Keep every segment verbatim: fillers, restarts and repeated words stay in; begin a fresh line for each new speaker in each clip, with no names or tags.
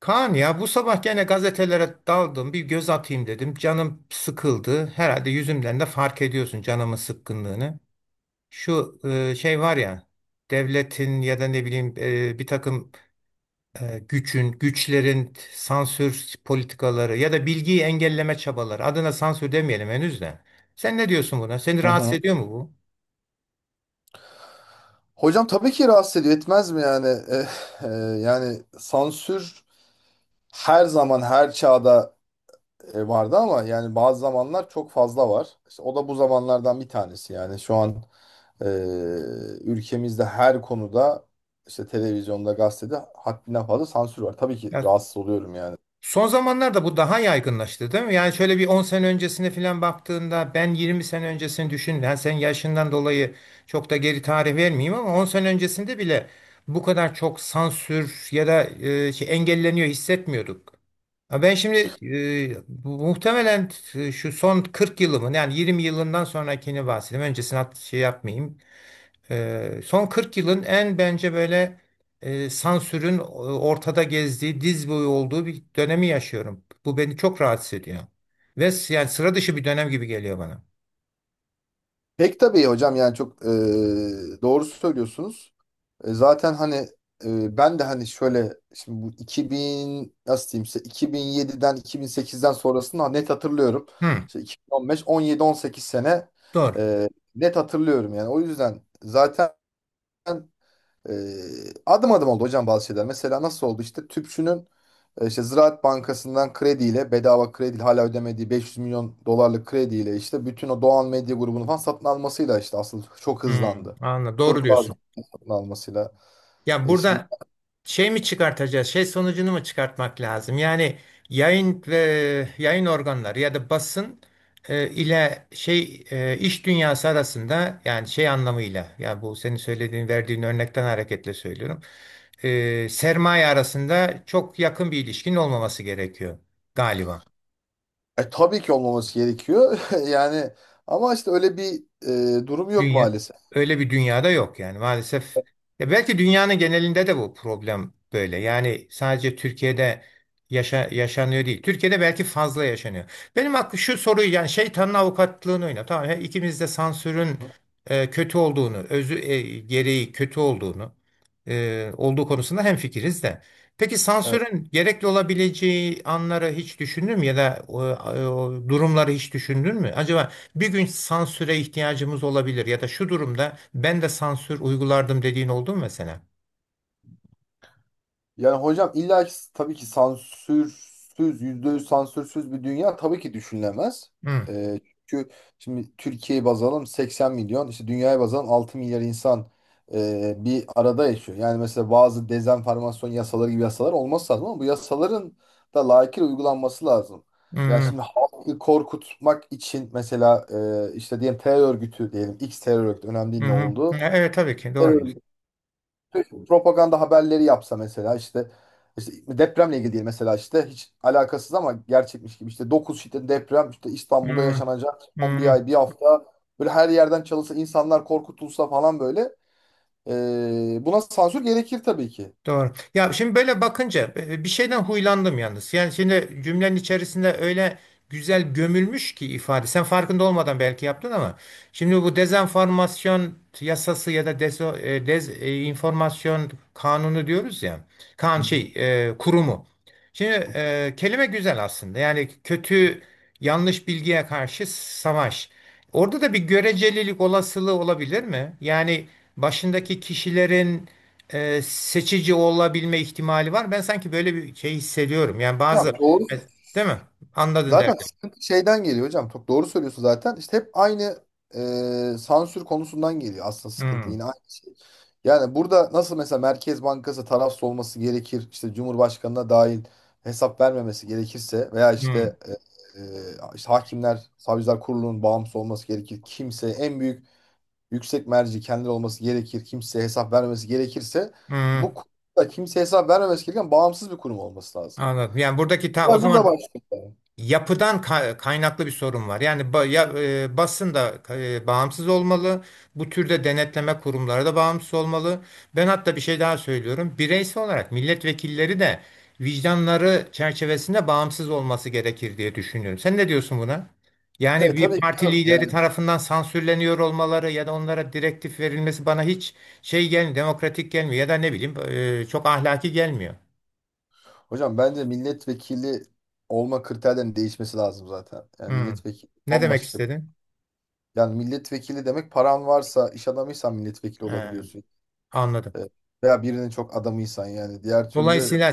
Kaan ya bu sabah gene gazetelere daldım bir göz atayım dedim. Canım sıkıldı. Herhalde yüzümden de fark ediyorsun canımın sıkkınlığını. Şu e, şey var ya, devletin ya da ne bileyim e, bir takım e, gücün, güçlerin sansür politikaları ya da bilgiyi engelleme çabaları. Adına sansür demeyelim henüz de. Sen ne diyorsun buna? Seni
Hı
rahatsız
hı.
ediyor mu bu?
Hocam tabii ki rahatsız ediyor. Etmez mi yani? Eh, eh, yani sansür her zaman her çağda e, vardı ama yani bazı zamanlar çok fazla var. İşte o da bu zamanlardan bir tanesi yani şu an e, ülkemizde her konuda işte televizyonda, gazetede haddinden fazla sansür var. Tabii ki rahatsız oluyorum yani.
Son zamanlarda bu daha yaygınlaştı değil mi? Yani şöyle bir on sene öncesine falan baktığında ben yirmi sene öncesini düşün. Yani sen yaşından dolayı çok da geri tarih vermeyeyim ama on sene öncesinde bile bu kadar çok sansür ya da e, şey, engelleniyor hissetmiyorduk. Ha, ben şimdi e, bu- muhtemelen e, şu son kırk yılımın yani yirmi yılından sonrakini bahsedeyim. Öncesini at- şey yapmayayım. Ee, son kırk yılın en bence böyle e, sansürün e, ortada gezdiği, diz boyu olduğu bir dönemi yaşıyorum. Bu beni çok rahatsız ediyor. Ve s- yani sıra dışı bir dönem gibi geliyor bana.
Pek tabii hocam yani çok e, doğru söylüyorsunuz. E, zaten hani e, ben de hani şöyle şimdi bu iki bin nasıl diyeyim size, iki bin yediden iki bin sekizden sonrasını net hatırlıyorum.
Hı,
İşte iki bin on beş, on yedi on sekiz sene
doğru.
e, net hatırlıyorum yani. O yüzden zaten e, adım adım oldu hocam bazı şeyler. Mesela nasıl oldu işte tüpçünün, e, İşte Ziraat Bankası'ndan krediyle bedava kredi hala ödemediği beş yüz milyon dolarlık krediyle işte bütün o Doğan Medya grubunu falan satın almasıyla işte asıl çok
Hı,
hızlandı.
anladım. Doğru
Turkuaz'ı
diyorsun.
satın almasıyla.
Ya
E şimdi
burada şey mi çıkartacağız? Şey sonucunu mu çıkartmak lazım? Yani yayın ve yayın organları ya da basın e, ile şey e, iş dünyası arasında yani şey anlamıyla ya bu senin söylediğin verdiğin örnekten hareketle söylüyorum. E, sermaye arasında çok yakın bir ilişkinin olmaması gerekiyor galiba.
e, tabii ki olmaması gerekiyor yani, ama işte öyle bir e, durum yok
Dünya
maalesef.
öyle bir dünyada yok yani maalesef. Ya belki dünyanın genelinde de bu problem böyle. Yani sadece Türkiye'de yaşa, yaşanıyor değil. Türkiye'de belki fazla yaşanıyor. Benim aklım şu soruyu yani şeytanın avukatlığını oyna. Tamam he, ikimiz de sansürün e, kötü olduğunu, özü e, gereği kötü olduğunu e, olduğu konusunda hemfikiriz de. Peki sansürün gerekli olabileceği anları hiç düşündün mü ya da o, o durumları hiç düşündün mü? Acaba bir gün sansüre ihtiyacımız olabilir ya da şu durumda ben de sansür uygulardım dediğin oldu mu mesela?
Yani hocam illa ki tabii ki sansürsüz, yüzde yüz sansürsüz bir dünya tabii ki düşünülemez.
Hı,
Ee, çünkü şimdi Türkiye'yi baz alalım, seksen milyon, işte dünyaya baz alalım altı milyar insan e, bir arada yaşıyor. Yani mesela bazı dezenformasyon yasaları gibi yasalar olması lazım ama bu yasaların da layıkıyla uygulanması lazım. Yani
hı,
şimdi halkı korkutmak için mesela e, işte diyelim terör örgütü diyelim, iks terör örgütü önemli
hı,
değil, ne
hı.
oldu,
Evet tabii ki doğru.
propaganda haberleri yapsa mesela, işte işte depremle ilgili değil mesela, işte hiç alakasız ama gerçekmiş gibi işte dokuz şiddetli deprem işte İstanbul'da
Hı,
yaşanacak son bir
hı.
ay bir hafta böyle her yerden çalınsa, insanlar korkutulsa falan böyle. Ee, buna sansür gerekir tabii ki.
Doğru. Ya şimdi böyle bakınca e, e, bir şeyden huylandım yalnız. Yani şimdi cümlenin içerisinde öyle güzel gömülmüş ki ifade. Sen farkında olmadan belki yaptın ama şimdi bu dezenformasyon yasası ya da dezo, e, dez, e, kanunu diyoruz ya. Kan şey e, kurumu. Şimdi e, kelime güzel aslında. Yani kötü yanlış bilgiye karşı savaş. Orada da bir görecelilik olasılığı olabilir mi? Yani başındaki kişilerin e, seçici olabilme ihtimali var. Ben sanki böyle bir şey hissediyorum. Yani bazı
Ya doğru.
e, değil mi? Anladın
Zaten
derdim.
sıkıntı şeyden geliyor hocam. Çok doğru söylüyorsun zaten. İşte hep aynı e, sansür konusundan geliyor aslında, sıkıntı
Hmm,
yine aynı. şey. Yani burada nasıl mesela Merkez Bankası tarafsız olması gerekir, işte Cumhurbaşkanı'na dahil hesap vermemesi gerekirse veya
hmm,
işte, e, e, işte hakimler, savcılar kurulunun bağımsız olması gerekir. Kimse, en büyük yüksek merci kendileri olması gerekir. Kimseye hesap vermemesi gerekirse, bu
hmm.
kurumda kimseye hesap vermemesi gereken bağımsız bir kurum olması lazım.
Anladım. Yani buradaki ta o
Olay burada
zaman
başlıyor yani.
yapıdan ka- kaynaklı bir sorun var. Yani ba ya, e, basın da e, bağımsız olmalı. Bu türde denetleme kurumları da bağımsız olmalı. Ben hatta bir şey daha söylüyorum. Bireysel olarak milletvekilleri de vicdanları çerçevesinde bağımsız olması gerekir diye düşünüyorum. Sen ne diyorsun buna?
E,
Yani bir
tabii ki
parti
canım.
lideri
Yani,
tarafından sansürleniyor olmaları ya da onlara direktif verilmesi bana hiç şey gelmiyor, demokratik gelmiyor ya da ne bileyim e, çok ahlaki gelmiyor.
hocam bence milletvekili olma kriterlerinin değişmesi lazım zaten. Yani
Hmm.
milletvekili
Ne demek
bambaşka.
istedin?
Yani milletvekili demek, paran varsa, iş adamıysan milletvekili
Ee,
olabiliyorsun.
anladım.
E, veya birinin çok adamıysan yani. Diğer türlü
Dolayısıyla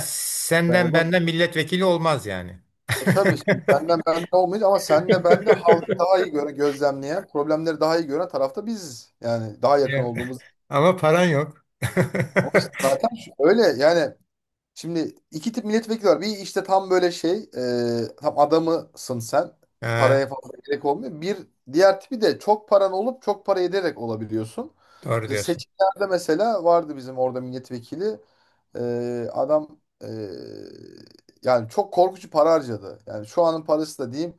ben
senden
olamam.
benden milletvekili olmaz yani.
E tabii şimdi senden bende olmayacak ama senle ben de halkı daha iyi gören, gözlemleyen, problemleri daha iyi gören tarafta biziz. Yani daha yakın
Ya,
olduğumuz.
Ama paran yok.
Ama işte zaten şu- öyle yani. Şimdi iki tip milletvekili var. Bir, işte tam böyle şey, e, tam adamısın sen.
Ha,
Paraya fazla gerek olmuyor. Bir diğer tipi de çok paran olup çok para ederek olabiliyorsun.
doğru
Mesela
diyorsun.
seçimlerde mesela vardı bizim orada milletvekili. E, adam e, yani çok korkunç para harcadı. Yani şu anın parası da diyeyim,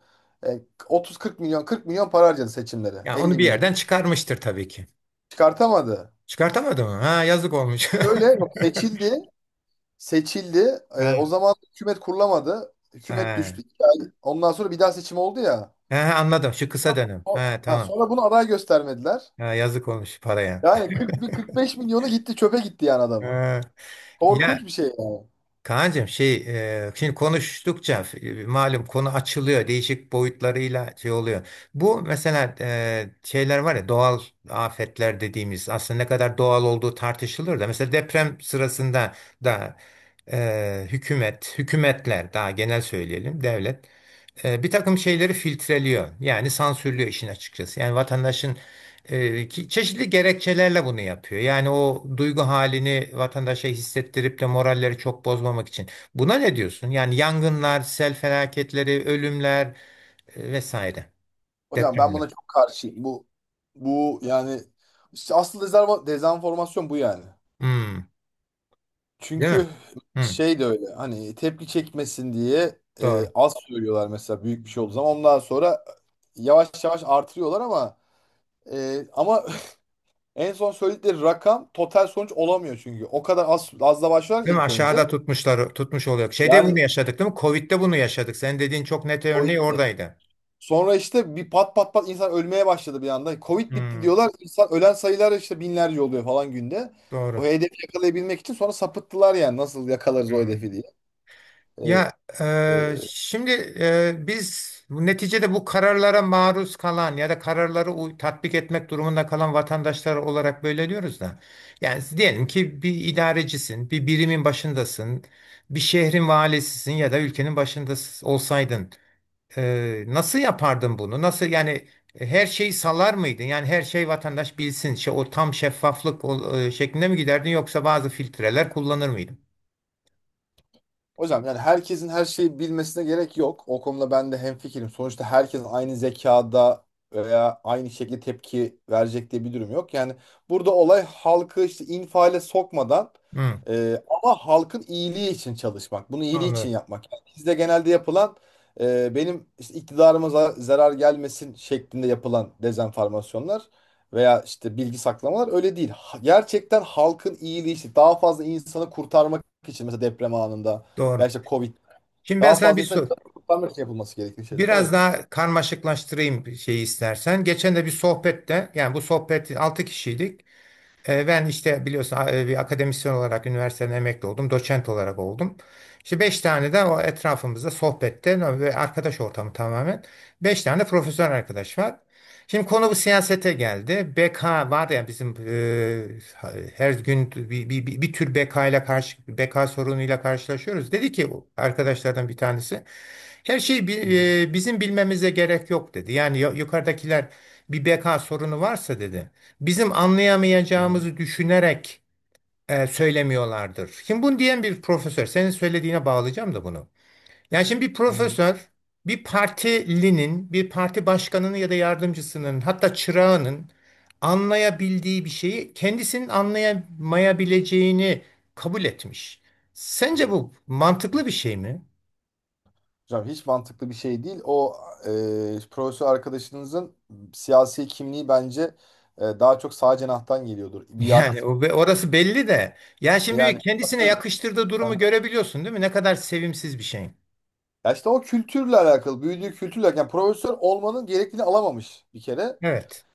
e, otuz kırk milyon, kırk milyon para harcadı seçimlere.
Ya onu
elli
bir
milyon.
yerden çıkarmıştır tabii ki.
Çıkartamadı.
Çıkartamadı mı? Ha, yazık olmuş.
Şöyle, yok, seçildi. Seçildi. Ee, o
Ha,
zaman hükümet kurulamadı. Hükümet düştü.
ha.
İki ay- Ondan sonra bir daha seçim oldu ya.
Ha, anladım. Şu kısa dönem.
O-
Ha,
ha,
tamam.
sonra bunu aday göstermediler.
Ha, yazık olmuş paraya.
Yani kırk bir kırk beş milyonu gitti, çöpe gitti yani adamın.
Ha, ya
Korkunç bir şey yani.
Kaan'cığım şey e, şimdi konuştukça e, malum konu açılıyor değişik boyutlarıyla şey oluyor. Bu mesela e, şeyler var ya, doğal afetler dediğimiz aslında ne kadar doğal olduğu tartışılır da mesela deprem sırasında da e, hükümet, hükümetler daha genel söyleyelim devlet e, bir takım şeyleri filtreliyor. Yani sansürlüyor işin açıkçası. Yani vatandaşın e, ki- çeşitli gerekçelerle bunu yapıyor. Yani o duygu halini vatandaşa hissettirip de moralleri çok bozmamak için. Buna ne diyorsun? Yani yangınlar, sel felaketleri, ölümler e, vesaire.
Hocam ben
Depremler.
buna çok karşıyım. Bu bu yani işte asıl dezerva- dezenformasyon bu yani.
Hmm, değil mi?
Çünkü
Hmm,
şey de öyle, hani tepki çekmesin diye e,
doğru.
az söylüyorlar, mesela büyük bir şey olduğu zaman, ondan sonra yavaş yavaş artırıyorlar ama e, ama en son söyledikleri rakam total sonuç olamıyor çünkü. O kadar az azla başlar
Değil mi?
ilk
Aşağıda
önce.
tutmuşlar, tutmuş oluyor. Şeyde bunu
Yani
yaşadık değil mi? Covid'de bunu yaşadık. Sen dediğin çok net örneği
Covid'de.
oradaydı.
Sonra işte bir pat pat pat insan ölmeye başladı bir anda. Covid bitti
Hmm,
diyorlar. İnsan ölen sayılar işte binlerce oluyor falan günde. O
doğru.
hedefi yakalayabilmek için sonra sapıttılar, yani nasıl yakalarız o
Hmm.
hedefi diye.
Ya
Ee,
e,
e,
şimdi e, biz bu- neticede bu kararlara maruz kalan ya da kararları uy- tatbik etmek durumunda kalan vatandaşlar olarak böyle diyoruz da. Yani diyelim ki bir idarecisin, bir birimin başındasın, bir şehrin valisisin ya da ülkenin başında olsaydın. E, nasıl yapardın bunu? Nasıl yani e, her şeyi salar mıydın? Yani her şey vatandaş bilsin, şey, o tam şeffaflık o- e, şeklinde mi giderdin yoksa bazı filtreler kullanır mıydın?
Hocam yani herkesin her şeyi bilmesine gerek yok. O konuda ben de hemfikirim. Sonuçta herkes aynı zekada veya aynı şekilde tepki verecek diye bir durum yok. Yani burada olay halkı işte infiale sokmadan,
Hı,
e, ama halkın iyiliği için çalışmak. Bunu iyiliği için
anlıyorum.
yapmak. Yani bizde genelde yapılan, e, benim işte iktidarıma za- zarar gelmesin şeklinde yapılan dezenformasyonlar veya işte bilgi saklamalar öyle değil. Ha- Gerçekten halkın iyiliği için, daha fazla insanı kurtarmak için, mesela deprem anında, ya
Doğru.
işte Covid.
Şimdi ben
Daha
sana
fazla
bir
insan
sor.
canını kurtarmak için yapılması gerektiği şeyler.
Biraz
Evet.
daha karmaşıklaştırayım şeyi istersen. Geçen de bir sohbette yani bu sohbet altı kişiydik. E, Ben işte biliyorsun e, bir akademisyen olarak üniversiteden emekli oldum. Doçent olarak oldum. İşte beş tane de o etrafımızda sohbette no, ve arkadaş ortamı tamamen. Beş tane de profesyonel arkadaş var. Şimdi konu bu siyasete geldi. B K var ya bizim e, her gün bir, bir, bir, bir tür B K ile karşı B K sorunuyla karşılaşıyoruz. Dedi ki arkadaşlardan bir tanesi her şeyi
Hı hı,
bi- e, bizim bilmemize gerek yok dedi. Yani yu- yukarıdakiler bir B K sorunu varsa dedi bizim
hı hı,
anlayamayacağımızı düşünerek e, söylemiyorlardır. Şimdi bunu diyen bir profesör, senin söylediğine bağlayacağım da bunu. Yani şimdi bir
hı hı.
profesör, bir partilinin, bir parti başkanının ya da yardımcısının, hatta çırağının anlayabildiği bir şeyi kendisinin anlayamayabileceğini kabul etmiş. Sence bu mantıklı bir şey mi?
Hocam hiç mantıklı bir şey değil. O e, profesör arkadaşınızın siyasi kimliği bence e, daha çok sağ cenahtan geliyordur.
Yani
Biat
o- orası belli de. Ya şimdi bir
yani.
kendisine yakıştırdığı durumu görebiliyorsun, değil mi? Ne kadar sevimsiz bir şey.
Ya işte o kültürle alakalı, büyüdüğü kültürle, yani profesör olmanın gerekliliğini alamamış bir kere.
Evet.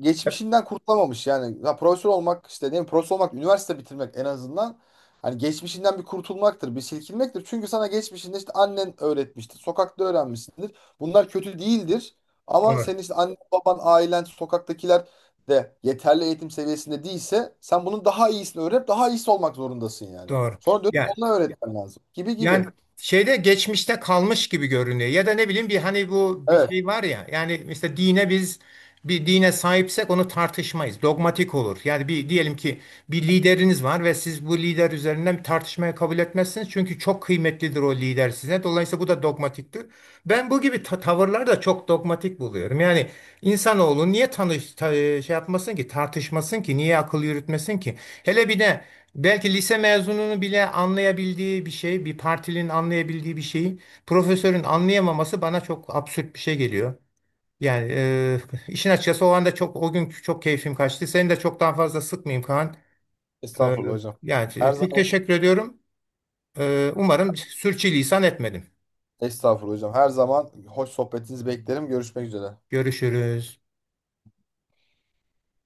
Geçmişinden kurtulamamış yani. Ya profesör olmak işte, ne bileyim, profesör olmak, üniversite bitirmek en azından hani geçmişinden bir kurtulmaktır, bir silkinmektir. Çünkü sana geçmişinde işte annen öğretmiştir, sokakta öğrenmişsindir. Bunlar kötü değildir. Ama
Evet.
senin işte annen, baban, ailen, sokaktakiler de yeterli eğitim seviyesinde değilse sen bunun daha iyisini öğrenip daha iyisi olmak zorundasın yani.
Doğru.
Sonra dönüp
Yani,
onunla öğretmen lazım. Gibi
yani
gibi.
şeyde geçmişte kalmış gibi görünüyor. Ya da ne bileyim bir hani bu bir
Evet.
şey var ya. Yani mesela dine biz bir dine sahipsek onu tartışmayız. Dogmatik olur. Yani bir diyelim ki bir lideriniz var ve siz bu lider üzerinden bir tartışmaya kabul etmezsiniz. Çünkü çok kıymetlidir o lider size. Dolayısıyla bu da dogmatiktir. Ben bu gibi ta- tavırları da çok dogmatik buluyorum. Yani insanoğlu niye tanış ta- şey yapmasın ki, tartışmasın ki, niye akıl yürütmesin ki? Hele bir de Belki lise mezununu bile anlayabildiği bir şey, bir partilinin anlayabildiği bir şeyi profesörün anlayamaması bana çok absürt bir şey geliyor. Yani e, işin açıkçası o anda çok o gün çok keyfim kaçtı. Seni de çok daha fazla sıkmayayım Kaan. E,
Estağfurullah hocam.
yani
Her
çok
zaman.
teşekkür ediyorum. E, umarım sürçülisan etmedim.
Estağfurullah hocam. Her zaman hoş sohbetinizi beklerim. Görüşmek üzere.
Görüşürüz.